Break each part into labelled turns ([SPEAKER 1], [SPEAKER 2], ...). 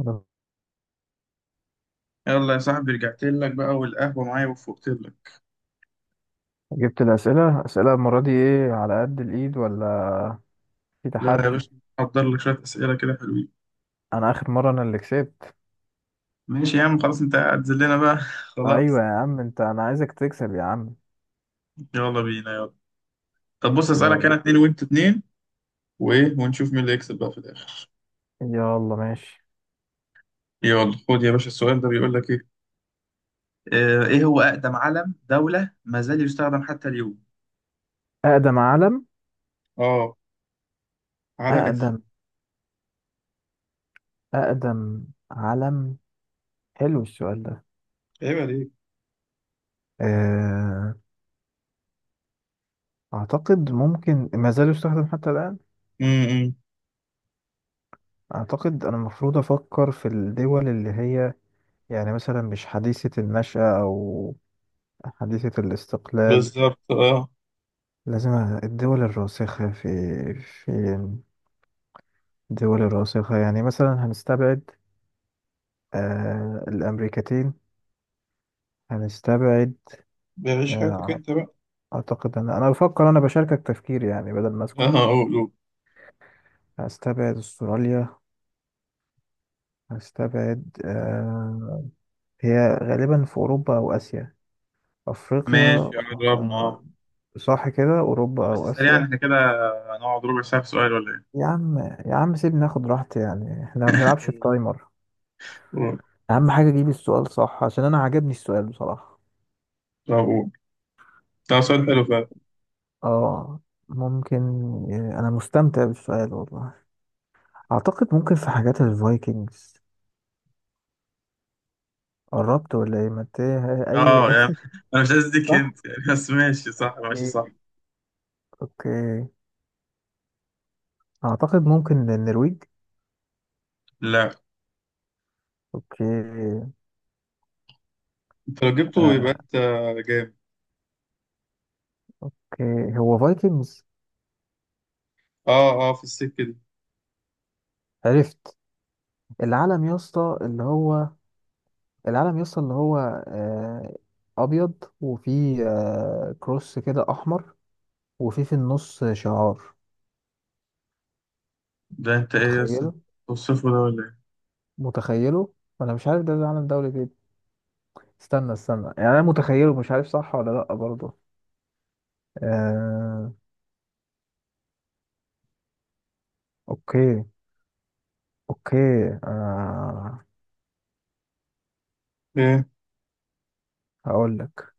[SPEAKER 1] أنا
[SPEAKER 2] يلا يا صاحبي، رجعت لك بقى والقهوة معايا وفقت لك.
[SPEAKER 1] جبت أسئلة المرة دي، إيه، على قد الإيد ولا في
[SPEAKER 2] لا يا
[SPEAKER 1] تحدي؟
[SPEAKER 2] باشا، حضر لك شوية أسئلة كده حلوين.
[SPEAKER 1] أنا آخر مرة، أنا اللي كسبت.
[SPEAKER 2] ماشي يا عم، خلاص أنت هتذلنا بقى
[SPEAKER 1] أيوة
[SPEAKER 2] خلاص.
[SPEAKER 1] يا عم، أنا عايزك تكسب يا عم.
[SPEAKER 2] يلا بينا يلا. طب بص أسألك
[SPEAKER 1] يلا،
[SPEAKER 2] أنا اتنين وأنت اتنين وإيه، ونشوف مين اللي يكسب بقى في الآخر.
[SPEAKER 1] يلا، ماشي.
[SPEAKER 2] يلا خد يا باشا السؤال ده بيقول لك إيه. ايه هو اقدم علم دولة ما زال يستخدم حتى اليوم؟
[SPEAKER 1] أقدم علم
[SPEAKER 2] آه، علم قديم.
[SPEAKER 1] أقدم أقدم علم حلو السؤال ده.
[SPEAKER 2] عيب عليك.
[SPEAKER 1] أه... أعتقد ممكن ما زال يستخدم حتى الآن.
[SPEAKER 2] امم
[SPEAKER 1] أعتقد أنا المفروض أفكر في الدول اللي هي، يعني مثلا مش حديثة النشأة أو حديثة الاستقلال.
[SPEAKER 2] بالظبط، آه.
[SPEAKER 1] لازم الدول الراسخة في الدول الراسخة، يعني مثلا هنستبعد الأمريكتين. هنستبعد
[SPEAKER 2] بيعيش حياتك
[SPEAKER 1] آه
[SPEAKER 2] أنت بقى.
[SPEAKER 1] أعتقد أن أنا بفكر أنا بشاركك تفكير، يعني بدل ما أسكت.
[SPEAKER 2] آه، قول قول.
[SPEAKER 1] هستبعد أستراليا. هستبعد آه هي غالبا في أوروبا أو آسيا، أفريقيا.
[SPEAKER 2] ماشي، قربنا،
[SPEAKER 1] آه
[SPEAKER 2] آه.
[SPEAKER 1] صح كده، أوروبا
[SPEAKER 2] بس
[SPEAKER 1] أو
[SPEAKER 2] سريعا،
[SPEAKER 1] آسيا.
[SPEAKER 2] إحنا كده هنقعد ربع ساعة في سؤال ولا إيه؟
[SPEAKER 1] يا عم، يا عم سيبني ناخد راحتي، يعني احنا ما بنلعبش في تايمر.
[SPEAKER 2] مم.
[SPEAKER 1] أهم حاجة أجيب السؤال صح، عشان أنا عجبني السؤال بصراحة.
[SPEAKER 2] طب ده سؤال حلو فعلا.
[SPEAKER 1] اه. ممكن. انا مستمتع بالسؤال والله. اعتقد ممكن في حاجات الفايكنجز. قربت ولا ايه؟ ما إنت اي.
[SPEAKER 2] اه يعني انا مش عايز اديك
[SPEAKER 1] صح.
[SPEAKER 2] هنت يعني، بس ماشي صح، ماشي صح.
[SPEAKER 1] اوكي، اوكي. اعتقد ممكن النرويج.
[SPEAKER 2] لا،
[SPEAKER 1] اوكي.
[SPEAKER 2] انت لو جبته يبقى
[SPEAKER 1] آه،
[SPEAKER 2] انت جامد.
[SPEAKER 1] اوكي، هو فايكنجز.
[SPEAKER 2] اه اه، في السكه دي.
[SPEAKER 1] عرفت. العلم يا اسطى اللي هو العلم يا اسطى اللي هو آه، ابيض، وفيه كروس كده احمر، وفيه في النص شعار.
[SPEAKER 2] ده انت ايه يا اسطى،
[SPEAKER 1] متخيله.
[SPEAKER 2] توصفه ده ولا
[SPEAKER 1] متخيله. انا مش عارف ده العلم دولة ايه. استنى، استنى، يعني انا متخيله، مش عارف صح ولا لا برضه. آه... اوكي، اوكي. آه...
[SPEAKER 2] ايه؟ ايه.
[SPEAKER 1] هقول لك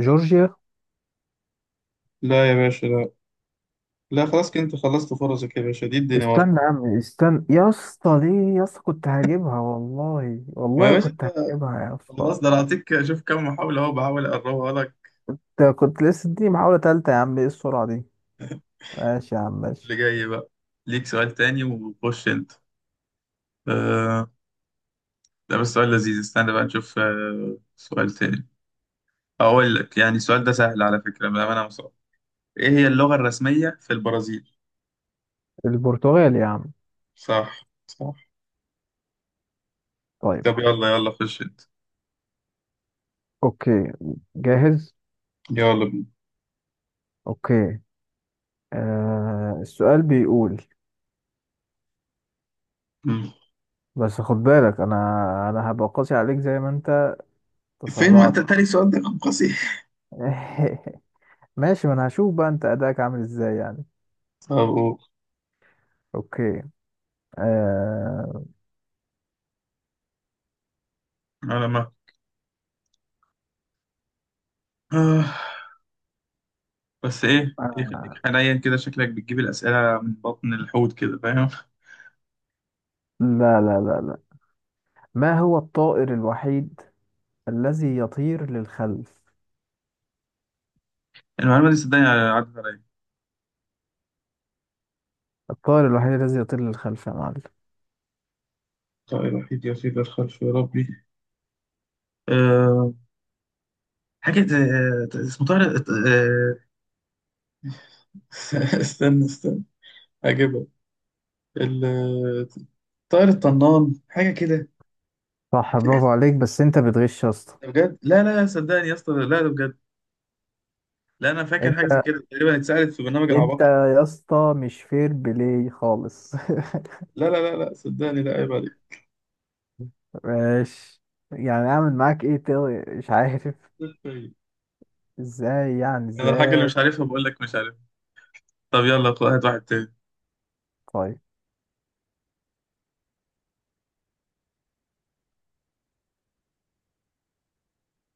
[SPEAKER 1] جورجيا.
[SPEAKER 2] لا يا باشا لا. لا خلاص، كده انت خلصت فرصك يا باشا، دي الدنيا ورق.
[SPEAKER 1] استنى يا عم، استنى يا اسطى دي، يا اسطى كنت هجيبها والله،
[SPEAKER 2] ما يا
[SPEAKER 1] والله
[SPEAKER 2] باشا انت،
[SPEAKER 1] كنت هجيبها يا اسطى.
[SPEAKER 2] خلاص ده انا هعطيك، شوف كم محاوله اهو بحاول اقربها لك.
[SPEAKER 1] أنت كنت لسه دي محاولة تالتة يا عم، ايه السرعة دي؟ ماشي يا عم، ماشي.
[SPEAKER 2] اللي جاي بقى ليك سؤال تاني، وخش انت. آه، ده بس سؤال لذيذ، استنى بقى نشوف. آه، سؤال تاني. أقول لك يعني السؤال ده سهل على فكرة بأمانة مصر. إيه هي اللغة الرسمية في البرازيل؟
[SPEAKER 1] البرتغال يا عم.
[SPEAKER 2] صح صح.
[SPEAKER 1] طيب.
[SPEAKER 2] طب يلا يلا، خش أنت.
[SPEAKER 1] اوكي. جاهز.
[SPEAKER 2] يلا بينا.
[SPEAKER 1] اوكي. السؤال بيقول،
[SPEAKER 2] مم.
[SPEAKER 1] بس خد بالك، انا هبقى قاسي عليك زي ما انت
[SPEAKER 2] فين؟ ما انت
[SPEAKER 1] تسرعت.
[SPEAKER 2] تاني سؤال ده كان قصير.
[SPEAKER 1] ماشي، ما انا هشوف بقى انت اداك عامل ازاي يعني.
[SPEAKER 2] طب قول.
[SPEAKER 1] اوكي. آه...
[SPEAKER 2] على ما آه. بس إيه إيه، خليك
[SPEAKER 1] آه...
[SPEAKER 2] حنين كده، شكلك بتجيب الأسئلة من بطن الحوت كده، فاهم.
[SPEAKER 1] لا، لا، لا، لا. ما هو الطائر الوحيد الذي يطير للخلف؟
[SPEAKER 2] المعلومة دي صدقني عدت عليا.
[SPEAKER 1] الطائر الوحيد الذي يطير للخلف يا معلم.
[SPEAKER 2] طائر الوحيد يطير الخلف، يا ربي. أه، حاجة اسمه طارق، أه. استنى استنى، هجيبها. ال طائر الطنان حاجه كده.
[SPEAKER 1] صح، برافو
[SPEAKER 2] ده
[SPEAKER 1] عليك، بس انت بتغش يا اسطى.
[SPEAKER 2] بجد، لا لا لا، صدقني يا اسطى لا، ده بجد. لا، انا فاكر
[SPEAKER 1] انت،
[SPEAKER 2] حاجه زي كده تقريبا اتسالت في برنامج العباقرة.
[SPEAKER 1] يا اسطى، مش فير بلاي خالص.
[SPEAKER 2] لا لا لا لا، صدقني، لا عيب عليك.
[SPEAKER 1] ماشي. يعني اعمل معاك ايه تاني؟ مش عارف. ازاي يعني
[SPEAKER 2] انا الحاجه اللي
[SPEAKER 1] ازاي.
[SPEAKER 2] مش عارفها بقول لك مش عارف. طب يلا هات واحد تاني.
[SPEAKER 1] طيب،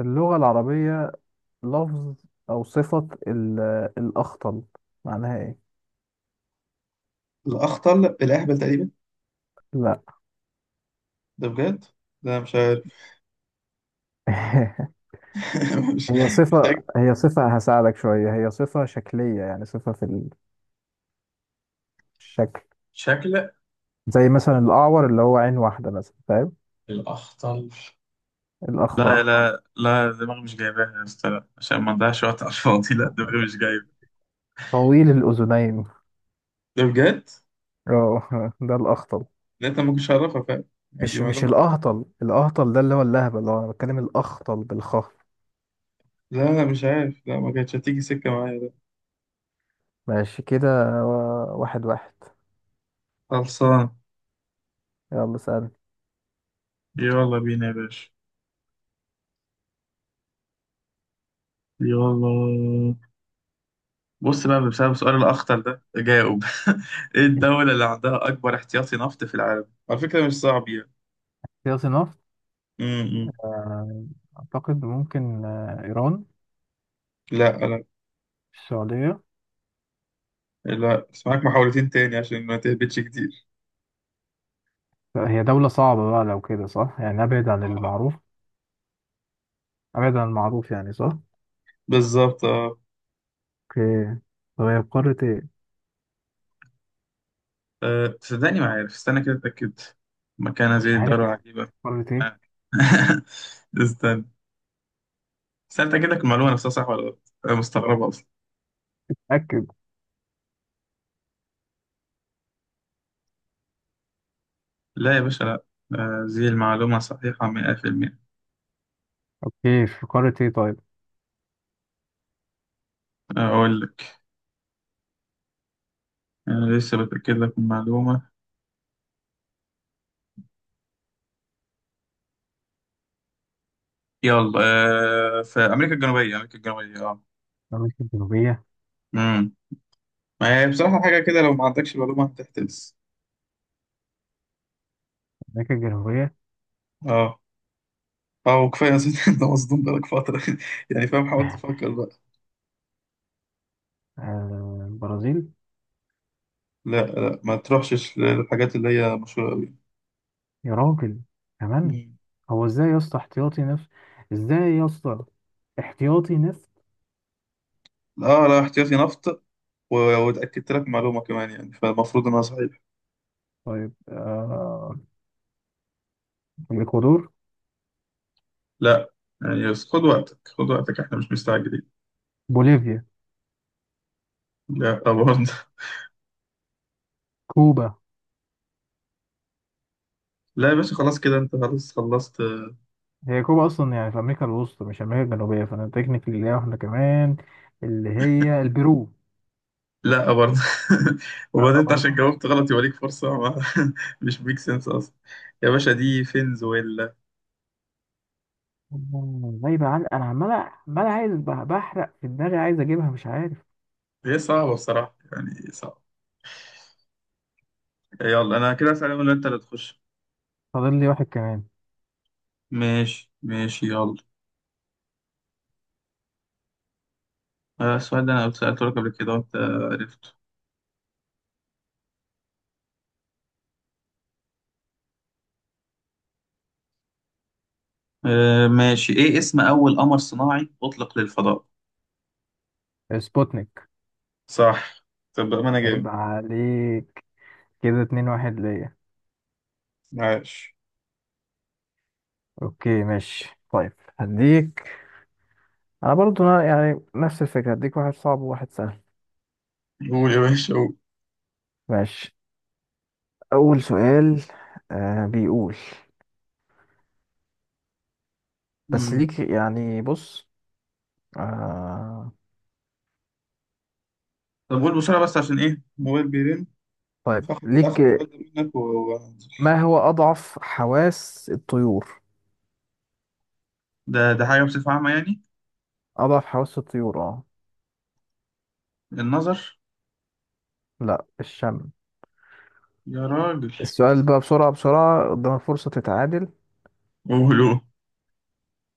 [SPEAKER 1] اللغة العربية، لفظ أو صفة الأخطل، معناها إيه؟
[SPEAKER 2] الاخطل الاهبل تقريبا.
[SPEAKER 1] لا.
[SPEAKER 2] ده بجد. لا مش عارف. مش
[SPEAKER 1] هي
[SPEAKER 2] مش
[SPEAKER 1] صفة
[SPEAKER 2] هك-
[SPEAKER 1] هي صفة هساعدك شوية. هي صفة شكلية، يعني صفة في الشكل.
[SPEAKER 2] شكل.
[SPEAKER 1] زي مثلا الأعور، اللي هو عين واحدة مثلا، فاهم.
[SPEAKER 2] الأخطل.
[SPEAKER 1] الأخطل
[SPEAKER 2] لا لا لا، دماغي مش جايباها يا اسطى، لا عشان ما نضيعش وقت على الفاضي، لا دماغي مش جايبه.
[SPEAKER 1] طويل الأذنين.
[SPEAKER 2] ده بجد.
[SPEAKER 1] اه، ده الأخطل.
[SPEAKER 2] لا انت ما كنتش عارفها فعلا. يعني، دي
[SPEAKER 1] مش
[SPEAKER 2] معلومه.
[SPEAKER 1] الأهطل. الأهطل ده اللي هو اللهبة، اللي هو أنا بتكلم الأخطل بالخاء.
[SPEAKER 2] لا لا مش عارف، لا ما كانتش هتيجي سكة معايا ده.
[SPEAKER 1] ماشي كده. 1-1.
[SPEAKER 2] خلصان.
[SPEAKER 1] يلا سأل.
[SPEAKER 2] يلا بينا يا باشا. يلا. بص بقى، بسبب سؤال الأخطر ده جاوب. إيه الدولة اللي عندها أكبر احتياطي نفط في العالم؟ على فكرة مش صعب يعني.
[SPEAKER 1] سياسي نفط.
[SPEAKER 2] م-م.
[SPEAKER 1] أعتقد ممكن إيران.
[SPEAKER 2] لا لا
[SPEAKER 1] السعودية.
[SPEAKER 2] لا، بس معاك محاولتين تاني عشان ما تهبطش كتير.
[SPEAKER 1] هي دولة صعبة بقى لو كده، صح؟ يعني أبعد عن
[SPEAKER 2] آه،
[SPEAKER 1] المعروف. أبعد عن المعروف، يعني صح.
[SPEAKER 2] بالظبط اه.
[SPEAKER 1] أوكي. طب هي في قارة إيه؟
[SPEAKER 2] آه، صدقني ما عارف، استنى كده اتأكد. مكانها زي
[SPEAKER 1] مش عارف
[SPEAKER 2] الدولة
[SPEAKER 1] هي في
[SPEAKER 2] العجيبة.
[SPEAKER 1] قارة إيه.
[SPEAKER 2] استنى استنى أتأكد لك المعلومة نفسها صح ولا غلط، أنا مستغربة.
[SPEAKER 1] أكد.
[SPEAKER 2] لا يا باشا لا. آه، دي المعلومة صحيحة مئة في المئة.
[SPEAKER 1] أوكي، في قارة إيه طيب؟
[SPEAKER 2] أقول لك، أنا لسه بتأكد لك من المعلومة. يلا. آه، في أمريكا الجنوبية، أمريكا الجنوبية، أه.
[SPEAKER 1] أمريكا الجنوبية.
[SPEAKER 2] أمم ما هي بصراحة حاجة كده، لو ما عندكش معلومة هتحتبس.
[SPEAKER 1] أمريكا الجنوبية.
[SPEAKER 2] أه. أه، وكفاية أصلا. أنت مصدوم بقالك فترة. يعني فاهم، حاول تفكر بقى.
[SPEAKER 1] البرازيل.
[SPEAKER 2] لا لا، ما تروحش للحاجات اللي هي مشهورة أوي.
[SPEAKER 1] يا راجل، كمان.
[SPEAKER 2] أمم.
[SPEAKER 1] هو إزاي يا اسطى احتياطي نفط؟ إزاي يا اسطى احتياطي نفط؟
[SPEAKER 2] أه لا، احتياطي نفط و- واتأكدت لك معلومة كمان يعني، فالمفروض إنها صحيحة.
[SPEAKER 1] طيب، الإكوادور.
[SPEAKER 2] لا، يعني بس خد وقتك، خد وقتك، إحنا مش مستعجلين.
[SPEAKER 1] بوليفيا.
[SPEAKER 2] لا برضه.
[SPEAKER 1] كوبا.
[SPEAKER 2] لا يا باشا، خلاص كده انت، خلاص خلصت.
[SPEAKER 1] هي كوبا اصلا يعني في امريكا الوسطى مش امريكا الجنوبيه، فانا تكنيكلي ليها واحده كمان، اللي هي البرو.
[SPEAKER 2] لا برضه. وبعدين انت عشان
[SPEAKER 1] برضه.
[SPEAKER 2] جاوبت غلط يبقى ليك فرصة مش ميك سنس اصلا. يا باشا، دي فنزويلا.
[SPEAKER 1] غايبه عن انا. عمال، عمال عايز بحرق في دماغي، عايز اجيبها مش عارف.
[SPEAKER 2] هي صعبة بصراحة، يعني صعبة. يلا انا كده اسأل ولا انت اللي تخش؟
[SPEAKER 1] فاضل لي واحد كمان.
[SPEAKER 2] ماشي ماشي، يلا. آه، السؤال ده انا سألته لك قبل كده وانت عرفته. آه، ماشي. ايه اسم اول قمر صناعي اطلق للفضاء؟
[SPEAKER 1] سبوتنيك.
[SPEAKER 2] صح. طب ما انا جايب.
[SPEAKER 1] عيب عليك. كده 2-1 ليا.
[SPEAKER 2] عاش.
[SPEAKER 1] اوكي، ماشي. طيب هديك، انا برضه يعني نفس الفكره، هديك واحد صعب وواحد سهل.
[SPEAKER 2] قول يا باشا، قول.
[SPEAKER 1] ماشي. اول سؤال بيقول، بس
[SPEAKER 2] مم.
[SPEAKER 1] ليك، يعني بص. آه
[SPEAKER 2] طب قول بسرعة بس عشان ايه موبايل.
[SPEAKER 1] طيب
[SPEAKER 2] فاخد،
[SPEAKER 1] ليك.
[SPEAKER 2] فاخد سؤال ده منك و... و-.
[SPEAKER 1] ما هو أضعف حواس الطيور؟
[SPEAKER 2] ده ده حاجة بصفة عامة يعني.
[SPEAKER 1] أضعف حواس الطيور اه.
[SPEAKER 2] النظر.
[SPEAKER 1] لا، الشم.
[SPEAKER 2] يا راجل.
[SPEAKER 1] السؤال بقى بسرعة بسرعة، قدام الفرصة تتعادل.
[SPEAKER 2] قولوا.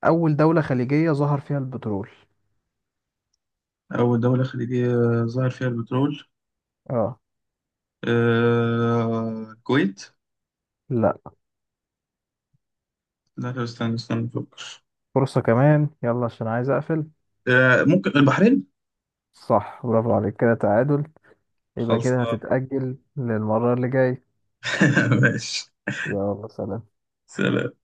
[SPEAKER 1] أول دولة خليجية ظهر فيها البترول؟
[SPEAKER 2] أول دولة خليجية ظهر فيها البترول.
[SPEAKER 1] اه.
[SPEAKER 2] آه... الكويت.
[SPEAKER 1] لا،
[SPEAKER 2] لا لا، استنى استنى أفكر.
[SPEAKER 1] فرصة كمان يلا، عشان عايز أقفل.
[SPEAKER 2] آه... ممكن البحرين.
[SPEAKER 1] صح، برافو عليك، كده تعادل. يبقى كده
[SPEAKER 2] خلصان.
[SPEAKER 1] هتتأجل للمرة اللي جاي.
[SPEAKER 2] ماشي.
[SPEAKER 1] يلا سلام.
[SPEAKER 2] سلام.